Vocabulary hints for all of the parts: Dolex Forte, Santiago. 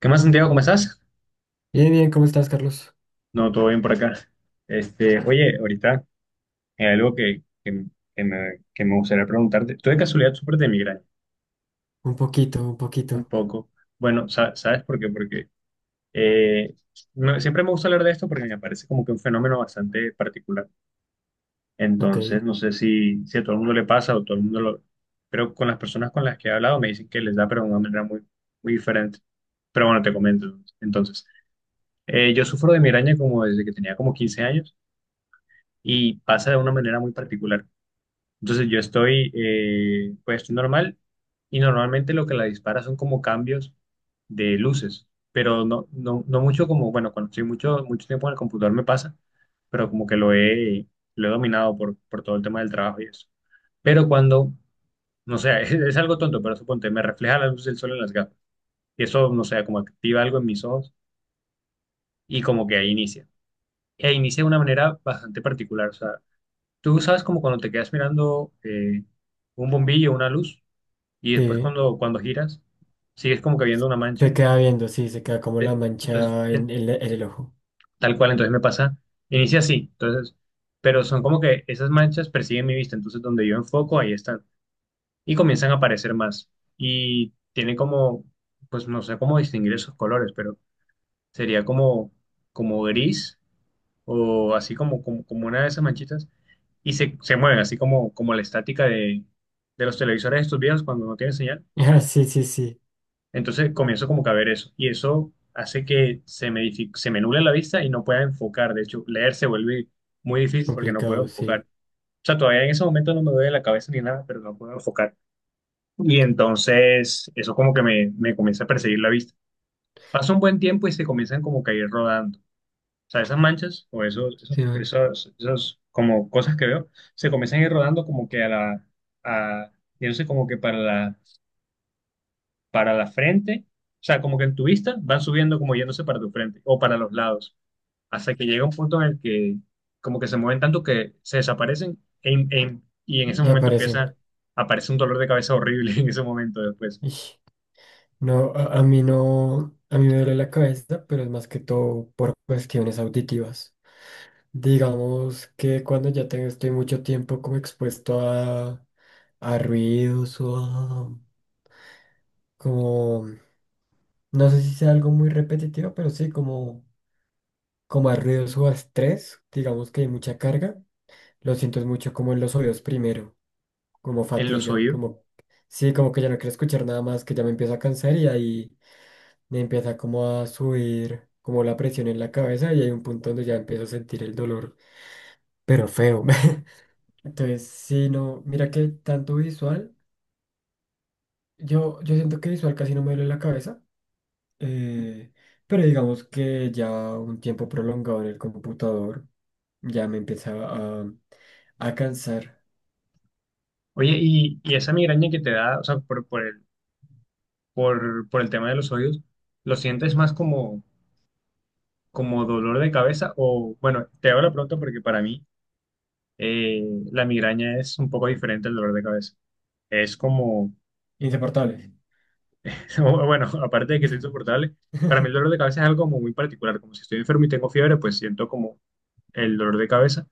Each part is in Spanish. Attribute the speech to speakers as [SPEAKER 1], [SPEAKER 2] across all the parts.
[SPEAKER 1] ¿Qué más, Santiago? ¿Cómo estás?
[SPEAKER 2] Bien, bien, ¿cómo estás, Carlos?
[SPEAKER 1] No, todo bien por acá. Oye, ahorita hay algo que me gustaría preguntarte. ¿Tú de casualidad sufres de migraña?
[SPEAKER 2] Un poquito, un poquito.
[SPEAKER 1] Un poco. Bueno, ¿sabes por qué? Porque eh, siempre me gusta hablar de esto porque me parece como que un fenómeno bastante particular.
[SPEAKER 2] Ok,
[SPEAKER 1] Entonces, no sé si a todo el mundo le pasa o todo el mundo lo. Pero con las personas con las que he hablado me dicen que les da, pero de una manera muy, muy diferente. Pero bueno, te comento. Entonces, yo sufro de migraña como desde que tenía como 15 años. Y pasa de una manera muy particular. Entonces, pues estoy normal, y normalmente lo que la dispara son como cambios de luces, pero no mucho como, bueno, cuando estoy mucho, mucho tiempo en el computador me pasa, pero como que lo he dominado por todo el tema del trabajo y eso. Pero cuando, no sé, es algo tonto, pero suponte, me refleja la luz del sol en las gafas y eso, no sé, como activa algo en mis ojos y como que ahí inicia. E inicia de una manera bastante particular, o sea, tú sabes como cuando te quedas mirando un bombillo, una luz, y después
[SPEAKER 2] sí.
[SPEAKER 1] cuando giras, sigues como que viendo una mancha.
[SPEAKER 2] Se queda viendo, sí, se queda como
[SPEAKER 1] Eh,
[SPEAKER 2] la
[SPEAKER 1] Entonces,
[SPEAKER 2] mancha
[SPEAKER 1] eh,
[SPEAKER 2] en en el ojo.
[SPEAKER 1] tal cual, entonces me pasa, inicia así, entonces, pero son como que esas manchas persiguen mi vista, entonces donde yo enfoco, ahí están, y comienzan a aparecer más. Y tiene como, pues no sé cómo distinguir esos colores, pero sería como, como gris o así como una de esas manchitas, y se mueven, así como la estática de los televisores estos viejos cuando no tienen señal.
[SPEAKER 2] Ah, sí, sí, sí.
[SPEAKER 1] Entonces comienzo como que a ver eso, y eso hace que se me, se me nuble la vista y no pueda enfocar. De hecho, leer se vuelve muy difícil porque no puedo
[SPEAKER 2] Complicado,
[SPEAKER 1] enfocar.
[SPEAKER 2] sí.
[SPEAKER 1] O sea, todavía en ese momento no me duele la cabeza ni nada, pero no puedo enfocar. Y entonces eso como que me comienza a perseguir la vista. Pasa un buen tiempo y se comienzan como que a ir rodando. O sea, esas manchas o esos, esos,
[SPEAKER 2] Sí, man.
[SPEAKER 1] esos, esos como cosas que veo, se comienzan a ir rodando como que a, yo no sé, como que para la frente, o sea, como que en tu vista van subiendo como yéndose para tu frente o para los lados, hasta que llega un punto en el que como que se mueven tanto que se desaparecen y en ese
[SPEAKER 2] Y
[SPEAKER 1] momento
[SPEAKER 2] aparecen.
[SPEAKER 1] empieza, aparece un dolor de cabeza horrible en ese momento después,
[SPEAKER 2] Ish. No, a mí no, a mí me duele la cabeza, pero es más que todo por cuestiones auditivas. Digamos que cuando ya tengo, estoy mucho tiempo como expuesto a ruidos o a, como, no sé si sea algo muy repetitivo, pero sí, como como a ruidos o a estrés, digamos que hay mucha carga, lo siento es mucho como en los oídos primero, como
[SPEAKER 1] en los
[SPEAKER 2] fatiga,
[SPEAKER 1] oídos.
[SPEAKER 2] como, sí, como que ya no quiero escuchar nada más, que ya me empiezo a cansar y ahí me empieza como a subir como la presión en la cabeza y hay un punto donde ya empiezo a sentir el dolor, pero feo. Entonces, sí, no, mira que tanto visual, yo siento que visual casi no me duele la cabeza, eh, pero digamos que ya un tiempo prolongado en el computador. Ya me empezaba a cansar.
[SPEAKER 1] Oye, y esa migraña que te da, o sea, por el tema de los oídos, ¿lo sientes más como dolor de cabeza o, bueno, te hago la pregunta porque para mí eh, la migraña es un poco diferente al dolor de cabeza? Es como,
[SPEAKER 2] Insoportable.
[SPEAKER 1] bueno, aparte de que es insoportable, para mí el dolor de cabeza es algo como muy particular, como si estoy enfermo y tengo fiebre, pues siento como el dolor de cabeza,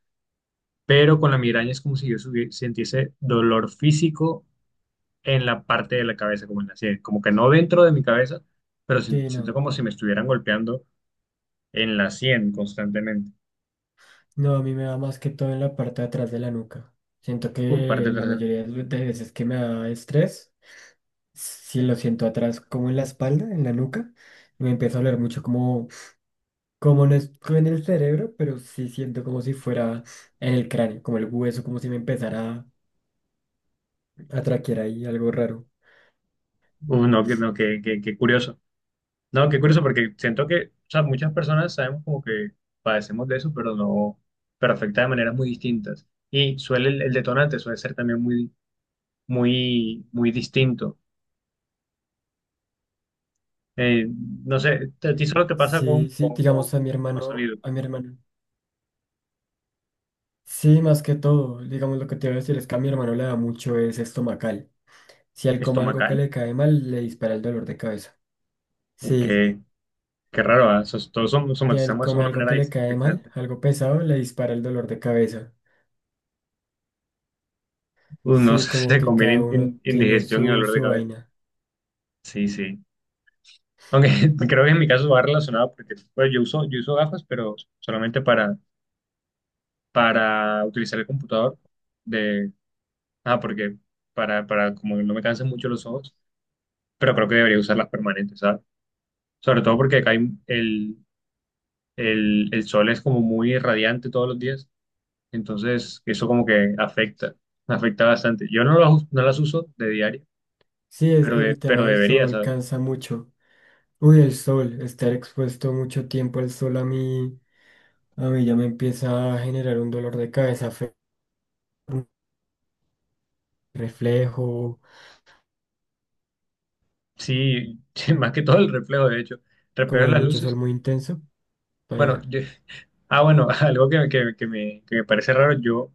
[SPEAKER 1] pero con la migraña es como si yo sintiese dolor físico en la parte de la cabeza, como en la sien, como que no dentro de mi cabeza, pero
[SPEAKER 2] Sí,
[SPEAKER 1] siento
[SPEAKER 2] no.
[SPEAKER 1] como si me estuvieran golpeando en la sien constantemente.
[SPEAKER 2] No, a mí me da más que todo en la parte de atrás de la nuca. Siento que
[SPEAKER 1] Uf, parte
[SPEAKER 2] la
[SPEAKER 1] trasera.
[SPEAKER 2] mayoría de las veces que me da estrés, si lo siento atrás como en la espalda, en la nuca, me empieza a doler mucho como, como no es en el cerebro, pero sí siento como si fuera en el cráneo, como el hueso, como si me empezara a traquear ahí algo raro.
[SPEAKER 1] Uf, no, no, qué curioso. No, qué curioso, porque siento que, o sea, muchas personas sabemos como que padecemos de eso, pero no, pero afecta de maneras muy distintas. Y suele, el detonante suele ser también muy, muy, muy distinto. Eh, no sé, ¿a ti solo te pasa con,
[SPEAKER 2] Sí, sí,
[SPEAKER 1] con, con,
[SPEAKER 2] digamos a mi
[SPEAKER 1] con
[SPEAKER 2] hermano,
[SPEAKER 1] sonido
[SPEAKER 2] a mi hermano. Sí, más que todo, digamos lo que te iba a decir es que a mi hermano le da mucho es estomacal. Si él come algo que
[SPEAKER 1] estomacal?
[SPEAKER 2] le cae mal, le dispara el dolor de cabeza. Sí,
[SPEAKER 1] Qué, qué raro, ¿ah? Todos
[SPEAKER 2] si él
[SPEAKER 1] somatizamos eso de
[SPEAKER 2] come
[SPEAKER 1] una
[SPEAKER 2] algo
[SPEAKER 1] manera
[SPEAKER 2] que le cae mal,
[SPEAKER 1] diferente.
[SPEAKER 2] algo pesado, le dispara el dolor de cabeza.
[SPEAKER 1] Uno
[SPEAKER 2] Sí, como
[SPEAKER 1] se
[SPEAKER 2] que cada
[SPEAKER 1] conviene en
[SPEAKER 2] uno tiene
[SPEAKER 1] indigestión y
[SPEAKER 2] su,
[SPEAKER 1] dolor de
[SPEAKER 2] su
[SPEAKER 1] cabeza.
[SPEAKER 2] vaina.
[SPEAKER 1] Sí, sí. Aunque creo que en mi caso va relacionado porque pues, yo uso gafas, pero solamente para utilizar el computador de, porque para como no me cansen mucho los ojos, pero creo que debería usar las permanentes, ¿sabes? Sobre todo porque acá hay el, el sol es como muy radiante todos los días, entonces eso como que afecta, afecta bastante. Yo no las uso de diario,
[SPEAKER 2] Sí, es
[SPEAKER 1] pero,
[SPEAKER 2] el tema
[SPEAKER 1] pero
[SPEAKER 2] del
[SPEAKER 1] debería,
[SPEAKER 2] sol
[SPEAKER 1] ¿sabes?
[SPEAKER 2] cansa mucho. Uy, el sol, estar expuesto mucho tiempo al sol a mí ya me empieza a generar un dolor de cabeza feo, un reflejo,
[SPEAKER 1] Sí, sí, más que todo el reflejo, de hecho, reflejo
[SPEAKER 2] como
[SPEAKER 1] de
[SPEAKER 2] de
[SPEAKER 1] las
[SPEAKER 2] mucho sol
[SPEAKER 1] luces.
[SPEAKER 2] muy intenso,
[SPEAKER 1] Bueno,
[SPEAKER 2] baila.
[SPEAKER 1] algo que me parece raro, yo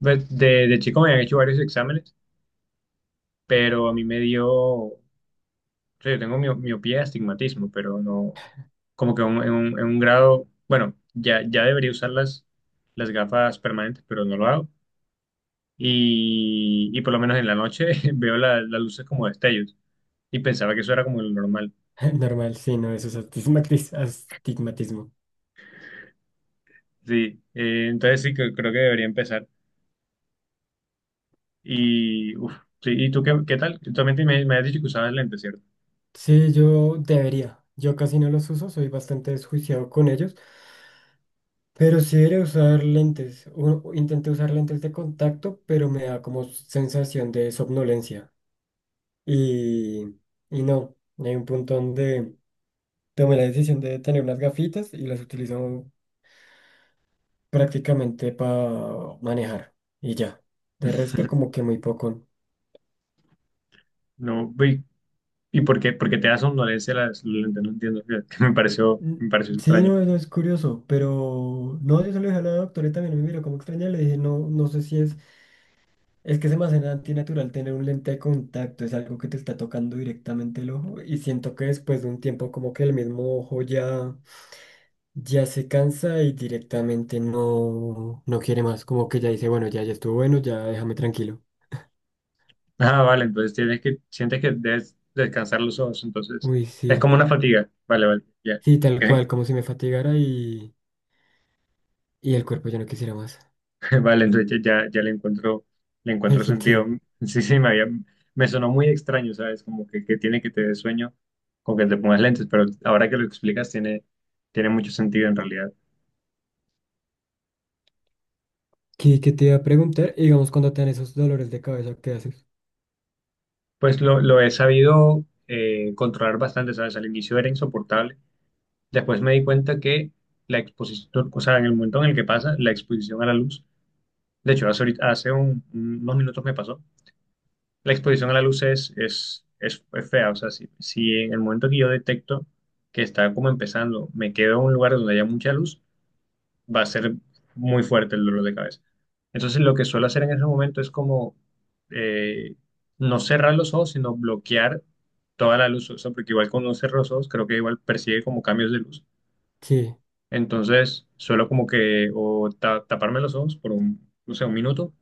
[SPEAKER 1] de chico me han hecho varios exámenes, pero a mí me dio, o sea, yo tengo miopía, astigmatismo, pero no, como que en un grado, bueno, ya, ya debería usar las gafas permanentes, pero no lo hago. Y por lo menos en la noche veo las luces como destellos y pensaba que eso era como lo normal.
[SPEAKER 2] Normal, sí, no, eso es astigmatismo.
[SPEAKER 1] Sí, entonces sí, creo que debería empezar. Y, uf, sí, ¿y tú qué tal? Tú también me has dicho que usabas lentes, ¿cierto?
[SPEAKER 2] Sí, yo debería. Yo casi no los uso, soy bastante desjuiciado con ellos, pero sí debería usar lentes. Intenté usar lentes de contacto, pero me da como sensación de somnolencia. Y, y no, hay un punto donde tomé la decisión de tener unas gafitas y las utilizo prácticamente para manejar. Y ya. De resto, como que muy poco.
[SPEAKER 1] No, ¿y por qué te da somnolencia las lentes? No entiendo, que me pareció,
[SPEAKER 2] Mm,
[SPEAKER 1] me pareció
[SPEAKER 2] sí,
[SPEAKER 1] extraño.
[SPEAKER 2] no, eso es curioso, pero no, yo se lo dije a la doctora y también me miró como extraña, le dije, no, no sé si es, es que se me hace antinatural tener un lente de contacto, es algo que te está tocando directamente el ojo y siento que después de un tiempo como que el mismo ojo ya, ya se cansa y directamente no, no quiere más, como que ya dice, bueno, ya, ya estuvo bueno, ya déjame tranquilo.
[SPEAKER 1] Ah, vale, entonces sientes que debes descansar los ojos, entonces
[SPEAKER 2] Uy,
[SPEAKER 1] es
[SPEAKER 2] sí,
[SPEAKER 1] como una fatiga. Vale, vale, ya.
[SPEAKER 2] sí, tal cual, como si me fatigara y el cuerpo ya no quisiera más,
[SPEAKER 1] Vale, entonces ya, ya le encuentro, le
[SPEAKER 2] el
[SPEAKER 1] encuentro
[SPEAKER 2] sentido.
[SPEAKER 1] sentido. Sí, sí, me sonó muy extraño, ¿sabes? Como que tiene que te dé sueño con que te pongas lentes, pero ahora que lo explicas tiene mucho sentido en realidad.
[SPEAKER 2] ¿Qué, qué te iba a preguntar? Y digamos, cuando te dan esos dolores de cabeza, ¿qué haces?
[SPEAKER 1] Pues lo he sabido controlar bastante, ¿sabes? Al inicio era insoportable. Después me di cuenta que la exposición, o sea, en el momento en el que pasa, la exposición a la luz. De hecho, hace unos minutos me pasó. La exposición a la luz es fea. O sea, si en el momento que yo detecto que está como empezando, me quedo en un lugar donde haya mucha luz, va a ser muy fuerte el dolor de cabeza. Entonces, lo que suelo hacer en ese momento es como eh, no cerrar los ojos, sino bloquear toda la luz. O sea, porque igual cuando uno cierra los ojos, creo que igual percibe como cambios de luz.
[SPEAKER 2] Sí,
[SPEAKER 1] Entonces, suelo como que taparme los ojos por un, no sé, un minuto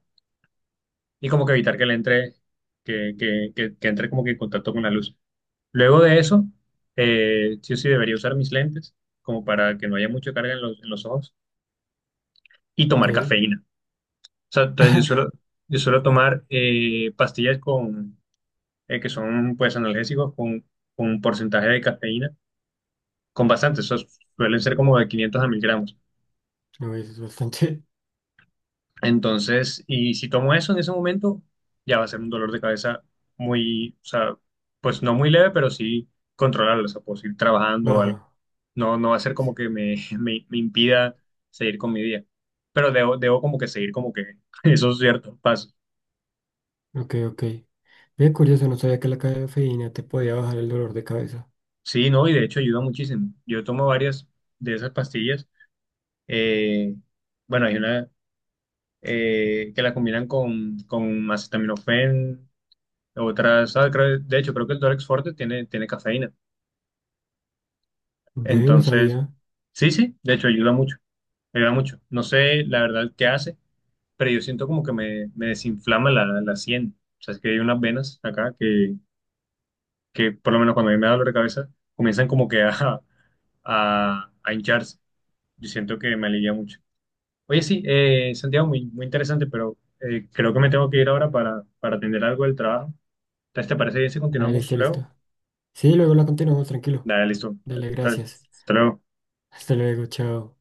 [SPEAKER 1] y como que evitar que le entre, que entre como que en contacto con la luz. Luego de eso, sí o sí debería usar mis lentes como para que no haya mucha carga en los ojos y
[SPEAKER 2] ok.
[SPEAKER 1] tomar cafeína. O sea, entonces yo suelo, yo suelo tomar pastillas que son pues analgésicos con un porcentaje de cafeína, con bastante, esos suelen ser como de 500 a 1.000 gramos.
[SPEAKER 2] No, eso es bastante
[SPEAKER 1] Entonces, y si tomo eso en ese momento, ya va a ser un dolor de cabeza muy, o sea, pues no muy leve, pero sí controlarlo, o sea, puedo seguir trabajando o algo.
[SPEAKER 2] baja.
[SPEAKER 1] No, no va a ser como que me impida seguir con mi día, pero debo como que seguir como que esos ciertos pasos.
[SPEAKER 2] Ok, ok. Bien curioso, no sabía que la cafeína te podía bajar el dolor de cabeza.
[SPEAKER 1] Sí, no, y de hecho ayuda muchísimo. Yo tomo varias de esas pastillas. eh, bueno, Hay una que la combinan con acetaminofén, otras, de hecho creo que el Dolex Forte tiene cafeína.
[SPEAKER 2] Ve, no
[SPEAKER 1] Entonces,
[SPEAKER 2] sabía.
[SPEAKER 1] sí, sí, de hecho ayuda mucho, ayuda mucho. No sé la verdad qué hace, pero yo siento como que me desinflama la sien. O sea, es que hay unas venas acá que por lo menos cuando a mí me da dolor de cabeza, comienzan como que a hincharse. Yo siento que me alivia mucho. Oye, sí, Santiago, muy, muy interesante, pero creo que me tengo que ir ahora para atender algo del trabajo. Entonces, ¿te parece bien si
[SPEAKER 2] Ah,
[SPEAKER 1] continuamos
[SPEAKER 2] listo,
[SPEAKER 1] luego?
[SPEAKER 2] listo. Sí, luego la continuamos, tranquilo.
[SPEAKER 1] Dale, listo.
[SPEAKER 2] Dale,
[SPEAKER 1] Dale,
[SPEAKER 2] gracias.
[SPEAKER 1] hasta luego.
[SPEAKER 2] Hasta luego, chao.